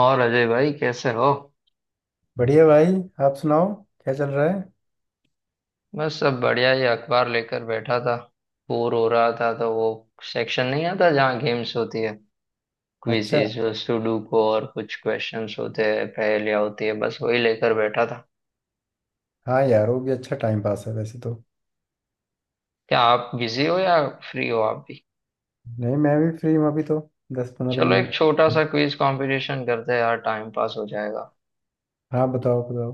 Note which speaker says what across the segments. Speaker 1: और अजय भाई कैसे हो?
Speaker 2: बढ़िया भाई। आप सुनाओ, क्या चल रहा है?
Speaker 1: बस सब बढ़िया ही, अखबार लेकर बैठा था। बोर हो रहा था तो वो सेक्शन नहीं आता जहाँ गेम्स होती है,
Speaker 2: अच्छा।
Speaker 1: क्विजीज, सुडोकू और कुछ क्वेश्चंस होते हैं, पहेलियाँ होती है, बस वही लेकर बैठा था।
Speaker 2: हाँ यार, वो भी अच्छा टाइम पास है वैसे तो।
Speaker 1: क्या आप बिजी हो या फ्री हो आप भी?
Speaker 2: नहीं, मैं भी फ्री हूँ अभी तो। दस पंद्रह
Speaker 1: चलो एक
Speaker 2: मिनट।
Speaker 1: छोटा सा क्विज कंपटीशन करते हैं यार, टाइम पास हो जाएगा।
Speaker 2: हाँ बताओ बताओ।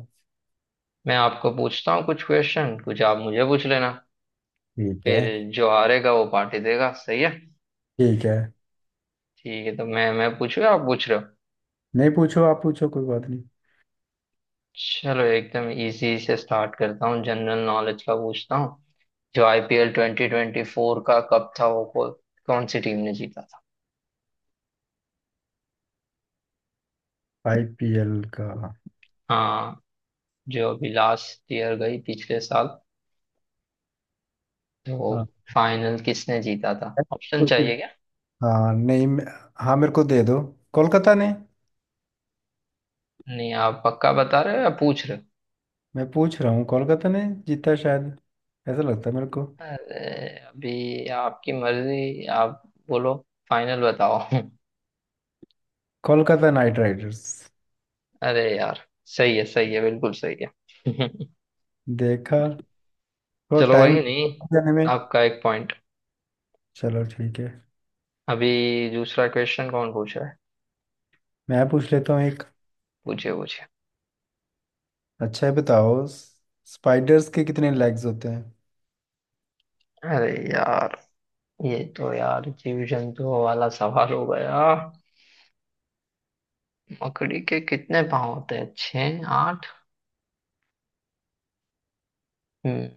Speaker 1: मैं आपको पूछता हूँ कुछ क्वेश्चन, कुछ आप मुझे पूछ लेना,
Speaker 2: ठीक है।
Speaker 1: फिर जो हारेगा वो पार्टी देगा, सही है?
Speaker 2: ठीक है।
Speaker 1: ठीक है, तो मैं पूछूँ या आप पूछ रहे हो?
Speaker 2: नहीं, पूछो आप पूछो, कोई बात नहीं।
Speaker 1: चलो एकदम इजी से स्टार्ट करता हूँ, जनरल नॉलेज का पूछता हूँ। जो आईपीएल 2024 का कप था वो कौन सी टीम ने जीता था?
Speaker 2: आईपीएल का, हाँ।
Speaker 1: हाँ, जो अभी लास्ट ईयर गई, पिछले साल, तो
Speaker 2: हाँ।
Speaker 1: फाइनल किसने जीता था? ऑप्शन चाहिए क्या?
Speaker 2: नहीं मैं- हाँ, मेरे को दे दो। कोलकाता ने।
Speaker 1: नहीं, आप पक्का बता रहे हो या पूछ रहे हो?
Speaker 2: मैं पूछ रहा हूँ, कोलकाता ने जीता शायद। ऐसा लगता है मेरे को।
Speaker 1: अरे अभी आपकी मर्जी, आप बोलो, फाइनल बताओ।
Speaker 2: Kolkata Knight Riders.
Speaker 1: अरे यार, सही है सही है, बिल्कुल सही है।
Speaker 2: देखा, थोड़ा
Speaker 1: चलो
Speaker 2: टाइम
Speaker 1: वही नहीं,
Speaker 2: जाने में।
Speaker 1: आपका एक पॉइंट।
Speaker 2: चलो ठीक है।
Speaker 1: अभी दूसरा क्वेश्चन कौन पूछ रहा है?
Speaker 2: मैं पूछ लेता हूँ एक।
Speaker 1: पूछे पूछे।
Speaker 2: अच्छा है बताओ। स्पाइडर्स के कितने लेग्स होते हैं?
Speaker 1: अरे यार, ये तो यार जीव जंतुओं वाला सवाल हो गया। मकड़ी के कितने पाँव होते हैं, छः, आठ? हम्म।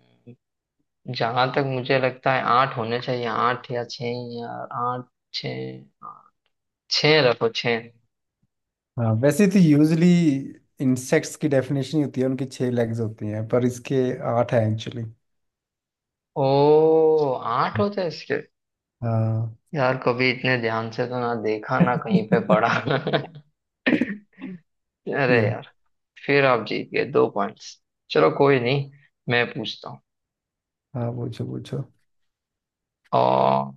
Speaker 1: जहां तक मुझे लगता है आठ होने चाहिए, आठ या छः, या आठ, छः, छः रखो छः।
Speaker 2: हाँ, वैसे तो यूजली इंसेक्ट्स की डेफिनेशन ही होती है उनकी छह लेग्स होती हैं, पर इसके आठ हैं एक्चुअली।
Speaker 1: ओ, आठ होते हैं इसके?
Speaker 2: हाँ।
Speaker 1: यार कभी इतने ध्यान से तो ना देखा, ना कहीं पे पढ़ा। अरे
Speaker 2: ये।
Speaker 1: यार, फिर आप जीत गए दो पॉइंट्स। चलो कोई नहीं, मैं पूछता हूँ।
Speaker 2: हाँ, पूछो पूछो।
Speaker 1: और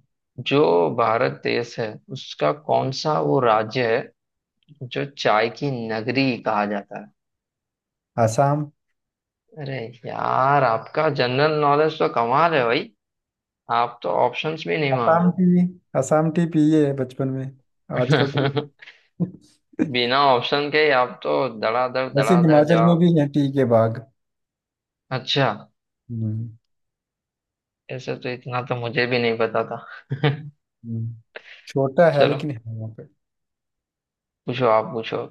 Speaker 1: जो भारत देश है उसका कौन सा वो राज्य है जो चाय की नगरी कहा जाता है?
Speaker 2: आसाम।
Speaker 1: अरे यार, आपका जनरल नॉलेज तो कमाल है भाई। आप तो ऑप्शंस भी नहीं मांग
Speaker 2: आसाम टी। आसाम टी पिए है बचपन में। आजकल तो।
Speaker 1: रहे। बिना ऑप्शन के ही आप तो धड़ाधड़
Speaker 2: वैसे
Speaker 1: धड़ाधड़
Speaker 2: हिमाचल में भी
Speaker 1: जवाब।
Speaker 2: है टी के बाग।
Speaker 1: अच्छा,
Speaker 2: हम्म।
Speaker 1: ऐसे तो इतना तो मुझे भी नहीं पता था।
Speaker 2: हम्म। छोटा है
Speaker 1: चलो
Speaker 2: लेकिन है वहाँ पे।
Speaker 1: पूछो, आप पूछो।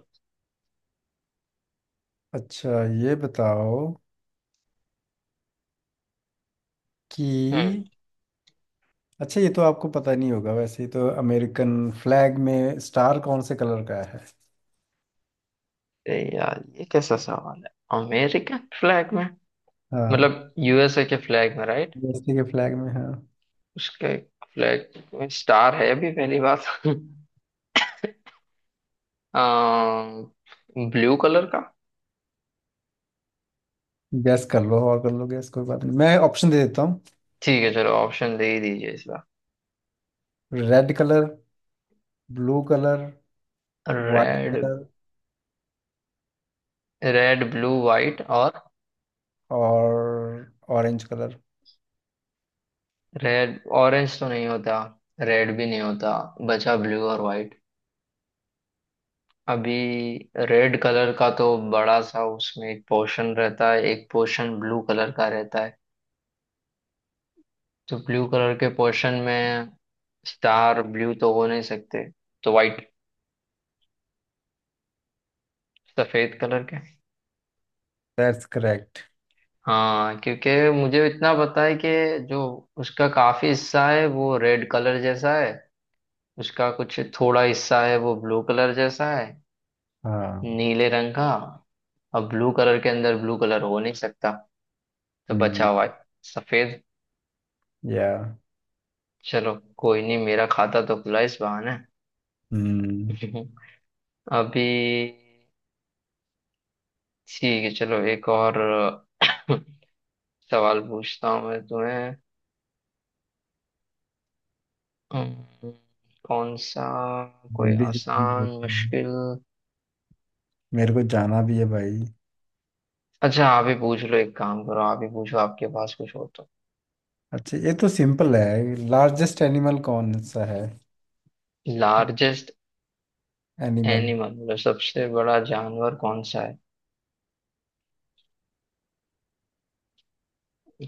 Speaker 2: अच्छा ये बताओ
Speaker 1: हम्म।
Speaker 2: कि, अच्छा ये तो आपको पता नहीं होगा वैसे ही, तो अमेरिकन फ्लैग में स्टार कौन से कलर का है?
Speaker 1: अरे यार ये कैसा सवाल है, अमेरिकन फ्लैग में,
Speaker 2: हाँ,
Speaker 1: मतलब यूएसए के फ्लैग में, right?
Speaker 2: यूएसए के फ्लैग में, हाँ।
Speaker 1: उसके फ्लैग में स्टार है, अभी पहली बात। ब्लू कलर का।
Speaker 2: गैस कर लो, और कर लो गैस, कोई बात नहीं, मैं ऑप्शन दे देता हूँ।
Speaker 1: ठीक है, चलो ऑप्शन दे ही दीजिए इस बार।
Speaker 2: Red colour, blue colour, white
Speaker 1: red,
Speaker 2: colour,
Speaker 1: red blue white और,
Speaker 2: और ऑरेंज कलर।
Speaker 1: रेड ऑरेंज तो नहीं होता, रेड भी नहीं होता, बचा ब्लू और वाइट। अभी रेड कलर का तो बड़ा सा उसमें एक पोर्शन रहता है, एक पोर्शन ब्लू कलर का रहता है, तो ब्लू कलर के पोर्शन में स्टार ब्लू तो हो नहीं सकते, तो वाइट, सफेद कलर के।
Speaker 2: That's correct.
Speaker 1: हाँ, क्योंकि मुझे इतना पता है कि जो उसका काफी हिस्सा है वो रेड कलर जैसा है, उसका कुछ थोड़ा हिस्सा है वो ब्लू कलर जैसा है,
Speaker 2: हाँ।
Speaker 1: नीले रंग का। अब ब्लू कलर के अंदर ब्लू कलर हो नहीं सकता, तो बचा
Speaker 2: हम्म।
Speaker 1: हुआ है सफेद।
Speaker 2: या।
Speaker 1: चलो कोई नहीं, मेरा खाता तो खुला इस बहाने।
Speaker 2: हम्म।
Speaker 1: अभी ठीक है, चलो एक और सवाल पूछता हूँ मैं तुम्हें। अम्म, कौन सा, कोई
Speaker 2: जल्दी जल्दी
Speaker 1: आसान
Speaker 2: होती है।
Speaker 1: मुश्किल?
Speaker 2: मेरे को जाना भी है भाई।
Speaker 1: अच्छा आप ही पूछ लो, एक काम करो, आप ही पूछो, आपके पास कुछ हो तो।
Speaker 2: अच्छा ये तो सिंपल है, लार्जेस्ट एनिमल कौन सा है?
Speaker 1: Largest
Speaker 2: animal.
Speaker 1: एनिमल मतलब सबसे बड़ा जानवर कौन सा है?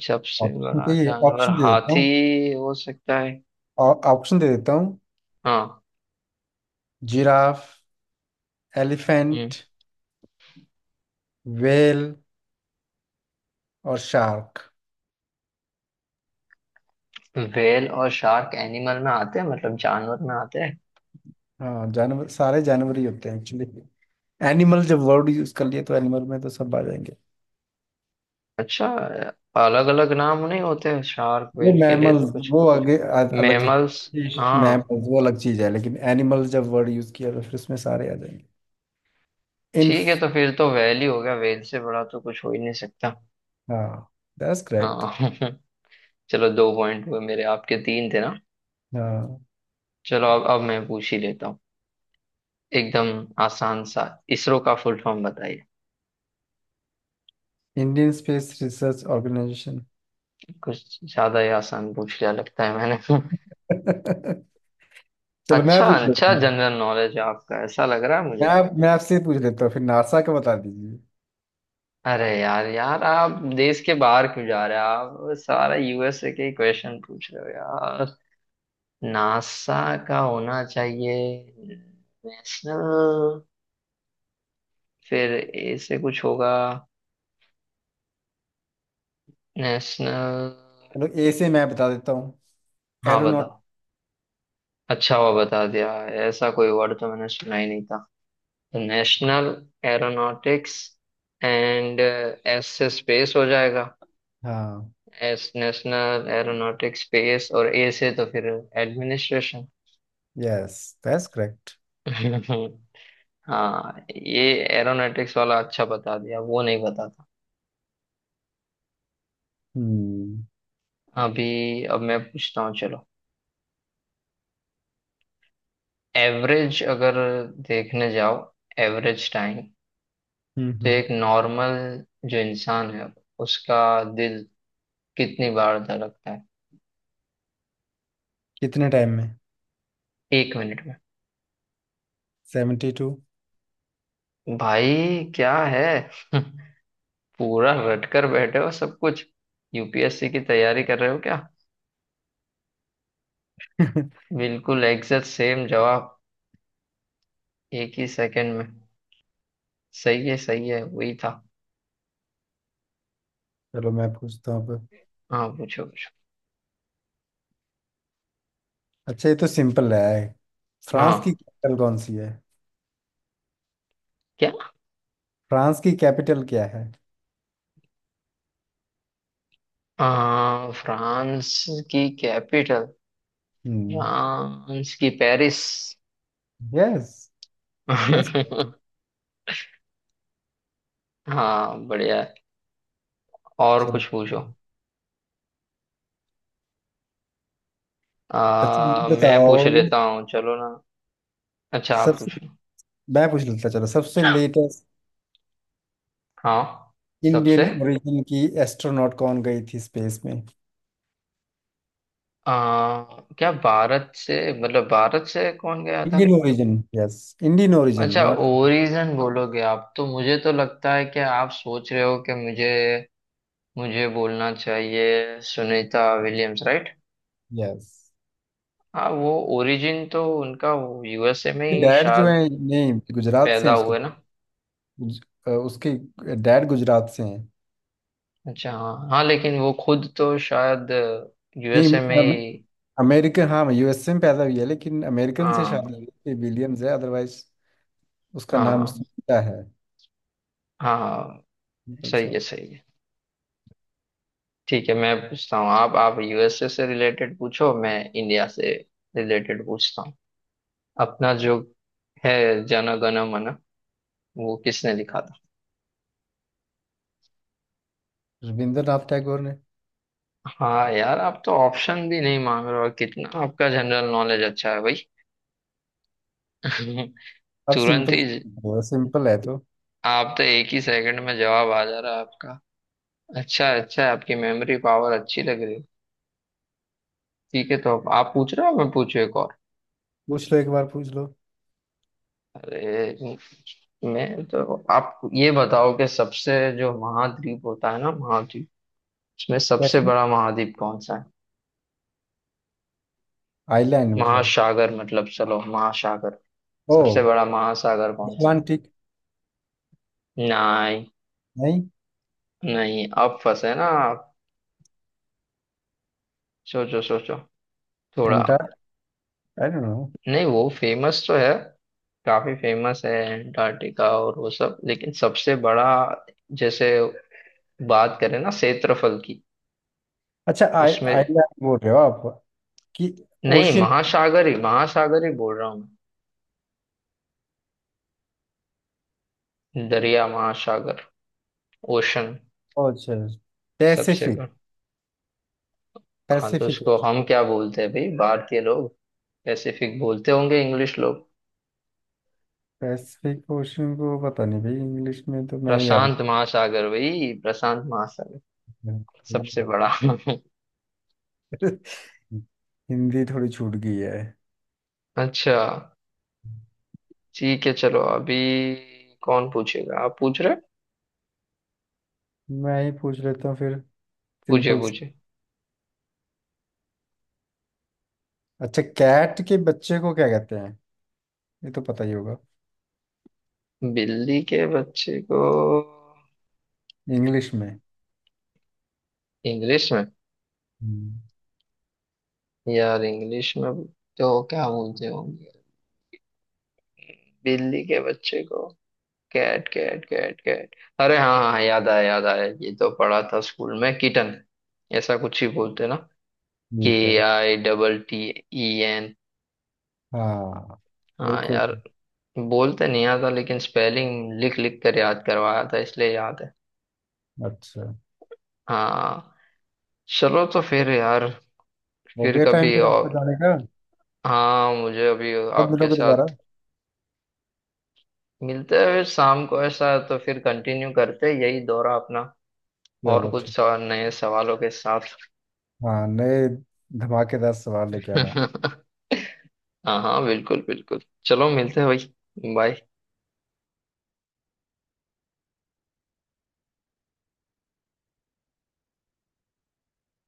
Speaker 1: सबसे
Speaker 2: ऑप्शन तो,
Speaker 1: बड़ा
Speaker 2: ये
Speaker 1: जानवर
Speaker 2: ऑप्शन दे देता
Speaker 1: हाथी
Speaker 2: हूँ।
Speaker 1: हो सकता है।
Speaker 2: और ऑप्शन दे देता हूँ।
Speaker 1: हाँ।
Speaker 2: जिराफ, एलिफेंट, वेल, और शार्क।
Speaker 1: व्हेल और शार्क एनिमल में आते हैं, मतलब जानवर में आते हैं?
Speaker 2: हाँ, जानवर, सारे जानवर ही होते हैं एक्चुअली। एनिमल जब वर्ड यूज कर लिए, तो एनिमल में तो सब आ जाएंगे।
Speaker 1: अच्छा, अलग अलग नाम नहीं होते शार्क
Speaker 2: वो
Speaker 1: व्हेल के लिए तो
Speaker 2: मैमल्स
Speaker 1: कुछ?
Speaker 2: वो अलग
Speaker 1: मैमल्स,
Speaker 2: होते हैं,
Speaker 1: हाँ।
Speaker 2: मैमल्स वो अलग चीज है, लेकिन एनिमल जब वर्ड यूज किया तो फिर उसमें सारे आ जाएंगे। इन।
Speaker 1: ठीक है, तो फिर तो व्हेल ही हो गया, व्हेल से बड़ा तो कुछ हो ही नहीं सकता।
Speaker 2: हाँ, दैट्स करेक्ट।
Speaker 1: हाँ। चलो दो पॉइंट हुए मेरे, आपके तीन थे ना?
Speaker 2: हाँ।
Speaker 1: चलो, अब मैं पूछ ही लेता हूँ। एकदम आसान सा, इसरो का फुल फॉर्म बताइए।
Speaker 2: Indian space research organisation.
Speaker 1: कुछ ज्यादा ही आसान पूछ लिया लगता है मैंने।
Speaker 2: चलो मैं
Speaker 1: अच्छा
Speaker 2: पूछ
Speaker 1: अच्छा,
Speaker 2: लेता
Speaker 1: जनरल नॉलेज आपका ऐसा लग रहा है
Speaker 2: मैं
Speaker 1: मुझे।
Speaker 2: आप मैं आपसे पूछ लेता हूँ फिर, नासा का बता दीजिए।
Speaker 1: अरे यार यार, आप देश के बाहर क्यों जा रहे हो? आप सारा यूएसए के क्वेश्चन पूछ रहे हो यार। नासा का होना चाहिए नेशनल, फिर ए से कुछ होगा, नेशनल।
Speaker 2: चलो, ए से मैं बता देता हूँ।
Speaker 1: हाँ
Speaker 2: एरोनॉट।
Speaker 1: बताओ। अच्छा हुआ बता दिया, ऐसा कोई वर्ड तो मैंने सुना ही नहीं था। नेशनल एरोनॉटिक्स एंड, एस से स्पेस हो जाएगा।
Speaker 2: हाँ।
Speaker 1: एस नेशनल एरोनॉटिक्स स्पेस, और ए से तो फिर एडमिनिस्ट्रेशन।
Speaker 2: Yes, that's correct.
Speaker 1: हाँ, ये एरोनॉटिक्स वाला अच्छा बता दिया, वो नहीं पता था।
Speaker 2: हम्म।
Speaker 1: अभी अब मैं पूछता हूँ, चलो। एवरेज अगर देखने जाओ, एवरेज टाइम,
Speaker 2: हम्म
Speaker 1: तो
Speaker 2: हम्म।
Speaker 1: एक नॉर्मल जो इंसान है उसका दिल कितनी बार धड़कता है,
Speaker 2: कितने टाइम में?
Speaker 1: 1 मिनट में?
Speaker 2: Seventy two.
Speaker 1: भाई क्या है। पूरा रटकर बैठे हो सब कुछ, यूपीएससी की तैयारी कर रहे हो क्या? बिल्कुल एग्जैक्ट सेम जवाब, एक ही सेकंड में। सही है सही है, वही था।
Speaker 2: चलो मैं पूछता हूँ अब।
Speaker 1: हाँ पूछो पूछो।
Speaker 2: अच्छा ये तो सिंपल रहा है। फ्रांस की
Speaker 1: हाँ,
Speaker 2: कैपिटल कौन सी है?
Speaker 1: क्या?
Speaker 2: फ्रांस की कैपिटल क्या है?
Speaker 1: फ्रांस की कैपिटल,
Speaker 2: हम्म।
Speaker 1: फ्रांस की पेरिस।
Speaker 2: यस। यस।
Speaker 1: हाँ बढ़िया है, और
Speaker 2: चलो।
Speaker 1: कुछ पूछो।
Speaker 2: अच्छा ये
Speaker 1: मैं पूछ
Speaker 2: बताओ।
Speaker 1: लेता हूँ, चलो ना, अच्छा आप
Speaker 2: सबसे,
Speaker 1: पूछो।
Speaker 2: मैं पूछ लेता, चलो, सबसे लेटेस्ट
Speaker 1: हाँ,
Speaker 2: इंडियन
Speaker 1: सबसे,
Speaker 2: ओरिजिन की एस्ट्रोनॉट कौन गई थी स्पेस में?
Speaker 1: आ, क्या भारत से, मतलब भारत से कौन गया था?
Speaker 2: Indian origin, yes. Indian origin
Speaker 1: अच्छा,
Speaker 2: नॉट।
Speaker 1: ओरिजिन बोलोगे आप तो मुझे तो लगता है कि आप सोच रहे हो कि मुझे मुझे बोलना चाहिए, सुनीता विलियम्स, राइट
Speaker 2: यस।
Speaker 1: हाँ, वो ओरिजिन तो उनका यूएसए में ही
Speaker 2: डैड जो
Speaker 1: शायद
Speaker 2: है नहीं, गुजरात से
Speaker 1: पैदा
Speaker 2: हैं उसके।
Speaker 1: हुए ना।
Speaker 2: उसके डैड गुजरात से हैं।
Speaker 1: अच्छा हाँ हाँ, लेकिन वो खुद तो शायद
Speaker 2: नहीं,
Speaker 1: यूएसए में ही।
Speaker 2: अमेरिकन, हाँ, यूएसए में पैदा हुई है, लेकिन अमेरिकन से
Speaker 1: हाँ।
Speaker 2: शादी, विलियम्स है अदरवाइज। उसका
Speaker 1: हाँ
Speaker 2: नाम
Speaker 1: हाँ
Speaker 2: सुनीता है।
Speaker 1: हाँ,
Speaker 2: सिंपल
Speaker 1: सही
Speaker 2: सा।
Speaker 1: है सही है। ठीक है मैं पूछता हूँ, आप यूएसए से रिलेटेड पूछो, मैं इंडिया से रिलेटेड पूछता हूँ। अपना जो है जन गण मन वो किसने लिखा था?
Speaker 2: रविंद्रनाथ टैगोर ने।
Speaker 1: हाँ यार, आप तो ऑप्शन भी नहीं मांग रहे हो, और कितना आपका जनरल नॉलेज अच्छा है भाई।
Speaker 2: अब
Speaker 1: तुरंत ही
Speaker 2: सिंपल सिंपल है तो।
Speaker 1: आप तो एक ही सेकंड में जवाब आ जा रहा है आपका। अच्छा अच्छा, आपकी मेमोरी पावर अच्छी लग रही है। ठीक है, तो अब आप पूछ रहे हो मैं पूछू एक और।
Speaker 2: पूछ लो, एक बार पूछ लो।
Speaker 1: अरे मैं तो, आप ये बताओ कि सबसे जो महाद्वीप होता है ना, महाद्वीप, इसमें सबसे
Speaker 2: कैसी?
Speaker 1: बड़ा महाद्वीप कौन सा है?
Speaker 2: आइलैंड मतलब?
Speaker 1: महासागर मतलब, चलो महासागर, सबसे
Speaker 2: ओ,
Speaker 1: बड़ा महासागर कौन सा
Speaker 2: अटलांटिक।
Speaker 1: है? नहीं।
Speaker 2: नहीं।
Speaker 1: नहीं, अब फंसे ना आप, सोचो सोचो थोड़ा।
Speaker 2: एंटार्क, आई डोंट नो।
Speaker 1: नहीं वो फेमस तो है, काफी फेमस है अंटार्कटिका और वो सब, लेकिन सबसे बड़ा जैसे बात करें ना क्षेत्रफल की,
Speaker 2: अच्छा, आई,
Speaker 1: उसमें।
Speaker 2: आइलैंड बोल रहे हो आप कि?
Speaker 1: नहीं,
Speaker 2: ओशियन?
Speaker 1: महासागर ही महासागर ही बोल रहा हूँ। मैं दरिया, महासागर, ओशन
Speaker 2: अच्छा,
Speaker 1: सबसे
Speaker 2: पैसिफिक।
Speaker 1: बड़ा। हाँ तो
Speaker 2: पैसिफिक
Speaker 1: उसको
Speaker 2: ओशन।
Speaker 1: हम क्या बोलते हैं भाई, भारतीय लोग? पैसिफिक बोलते होंगे इंग्लिश लोग।
Speaker 2: पैसिफिक ओशन को पता नहीं भाई, इंग्लिश में तो मैंने याद।
Speaker 1: प्रशांत महासागर भाई, प्रशांत महासागर सबसे
Speaker 2: मतलब।
Speaker 1: बड़ा।
Speaker 2: हिंदी थोड़ी छूट गई है।
Speaker 1: अच्छा, ठीक है चलो अभी, कौन पूछेगा, आप पूछ रहे?
Speaker 2: मैं ही पूछ लेता हूँ फिर।
Speaker 1: पूछे
Speaker 2: सिंपल।
Speaker 1: पूछे।
Speaker 2: अच्छा, कैट के बच्चे को क्या कहते हैं? ये तो पता ही होगा।
Speaker 1: बिल्ली के बच्चे को
Speaker 2: इंग्लिश में।
Speaker 1: इंग्लिश में?
Speaker 2: हम्म।
Speaker 1: यार इंग्लिश में तो क्या बोलते होंगे बिल्ली के बच्चे को, कैट, कैट, कैट, कैट, अरे हाँ हाँ, याद आया याद आया, ये तो पढ़ा था स्कूल में, किटन, ऐसा कुछ ही बोलते ना, के
Speaker 2: ठीक है।
Speaker 1: I double T E N.
Speaker 2: हाँ,
Speaker 1: हाँ
Speaker 2: बिल्कुल।
Speaker 1: यार, बोलते नहीं आता, लेकिन स्पेलिंग लिख लिख कर याद करवाया था, इसलिए याद है।
Speaker 2: अच्छा।
Speaker 1: हाँ, चलो तो फिर यार,
Speaker 2: हो
Speaker 1: फिर
Speaker 2: गया टाइम,
Speaker 1: कभी
Speaker 2: फिर आपका
Speaker 1: और।
Speaker 2: जाने का।
Speaker 1: हाँ, मुझे अभी
Speaker 2: कब
Speaker 1: आपके
Speaker 2: मिलोगे दोबारा?
Speaker 1: साथ, मिलते हैं फिर शाम को ऐसा है, तो फिर कंटिन्यू करते हैं यही दौरा अपना, और
Speaker 2: चलो
Speaker 1: कुछ
Speaker 2: ठीक।
Speaker 1: सवाल, नए सवालों के साथ।
Speaker 2: हाँ, नए धमाकेदार सवाल लेके आना।
Speaker 1: हाँ हाँ बिल्कुल बिल्कुल, चलो मिलते हैं भाई, बाय।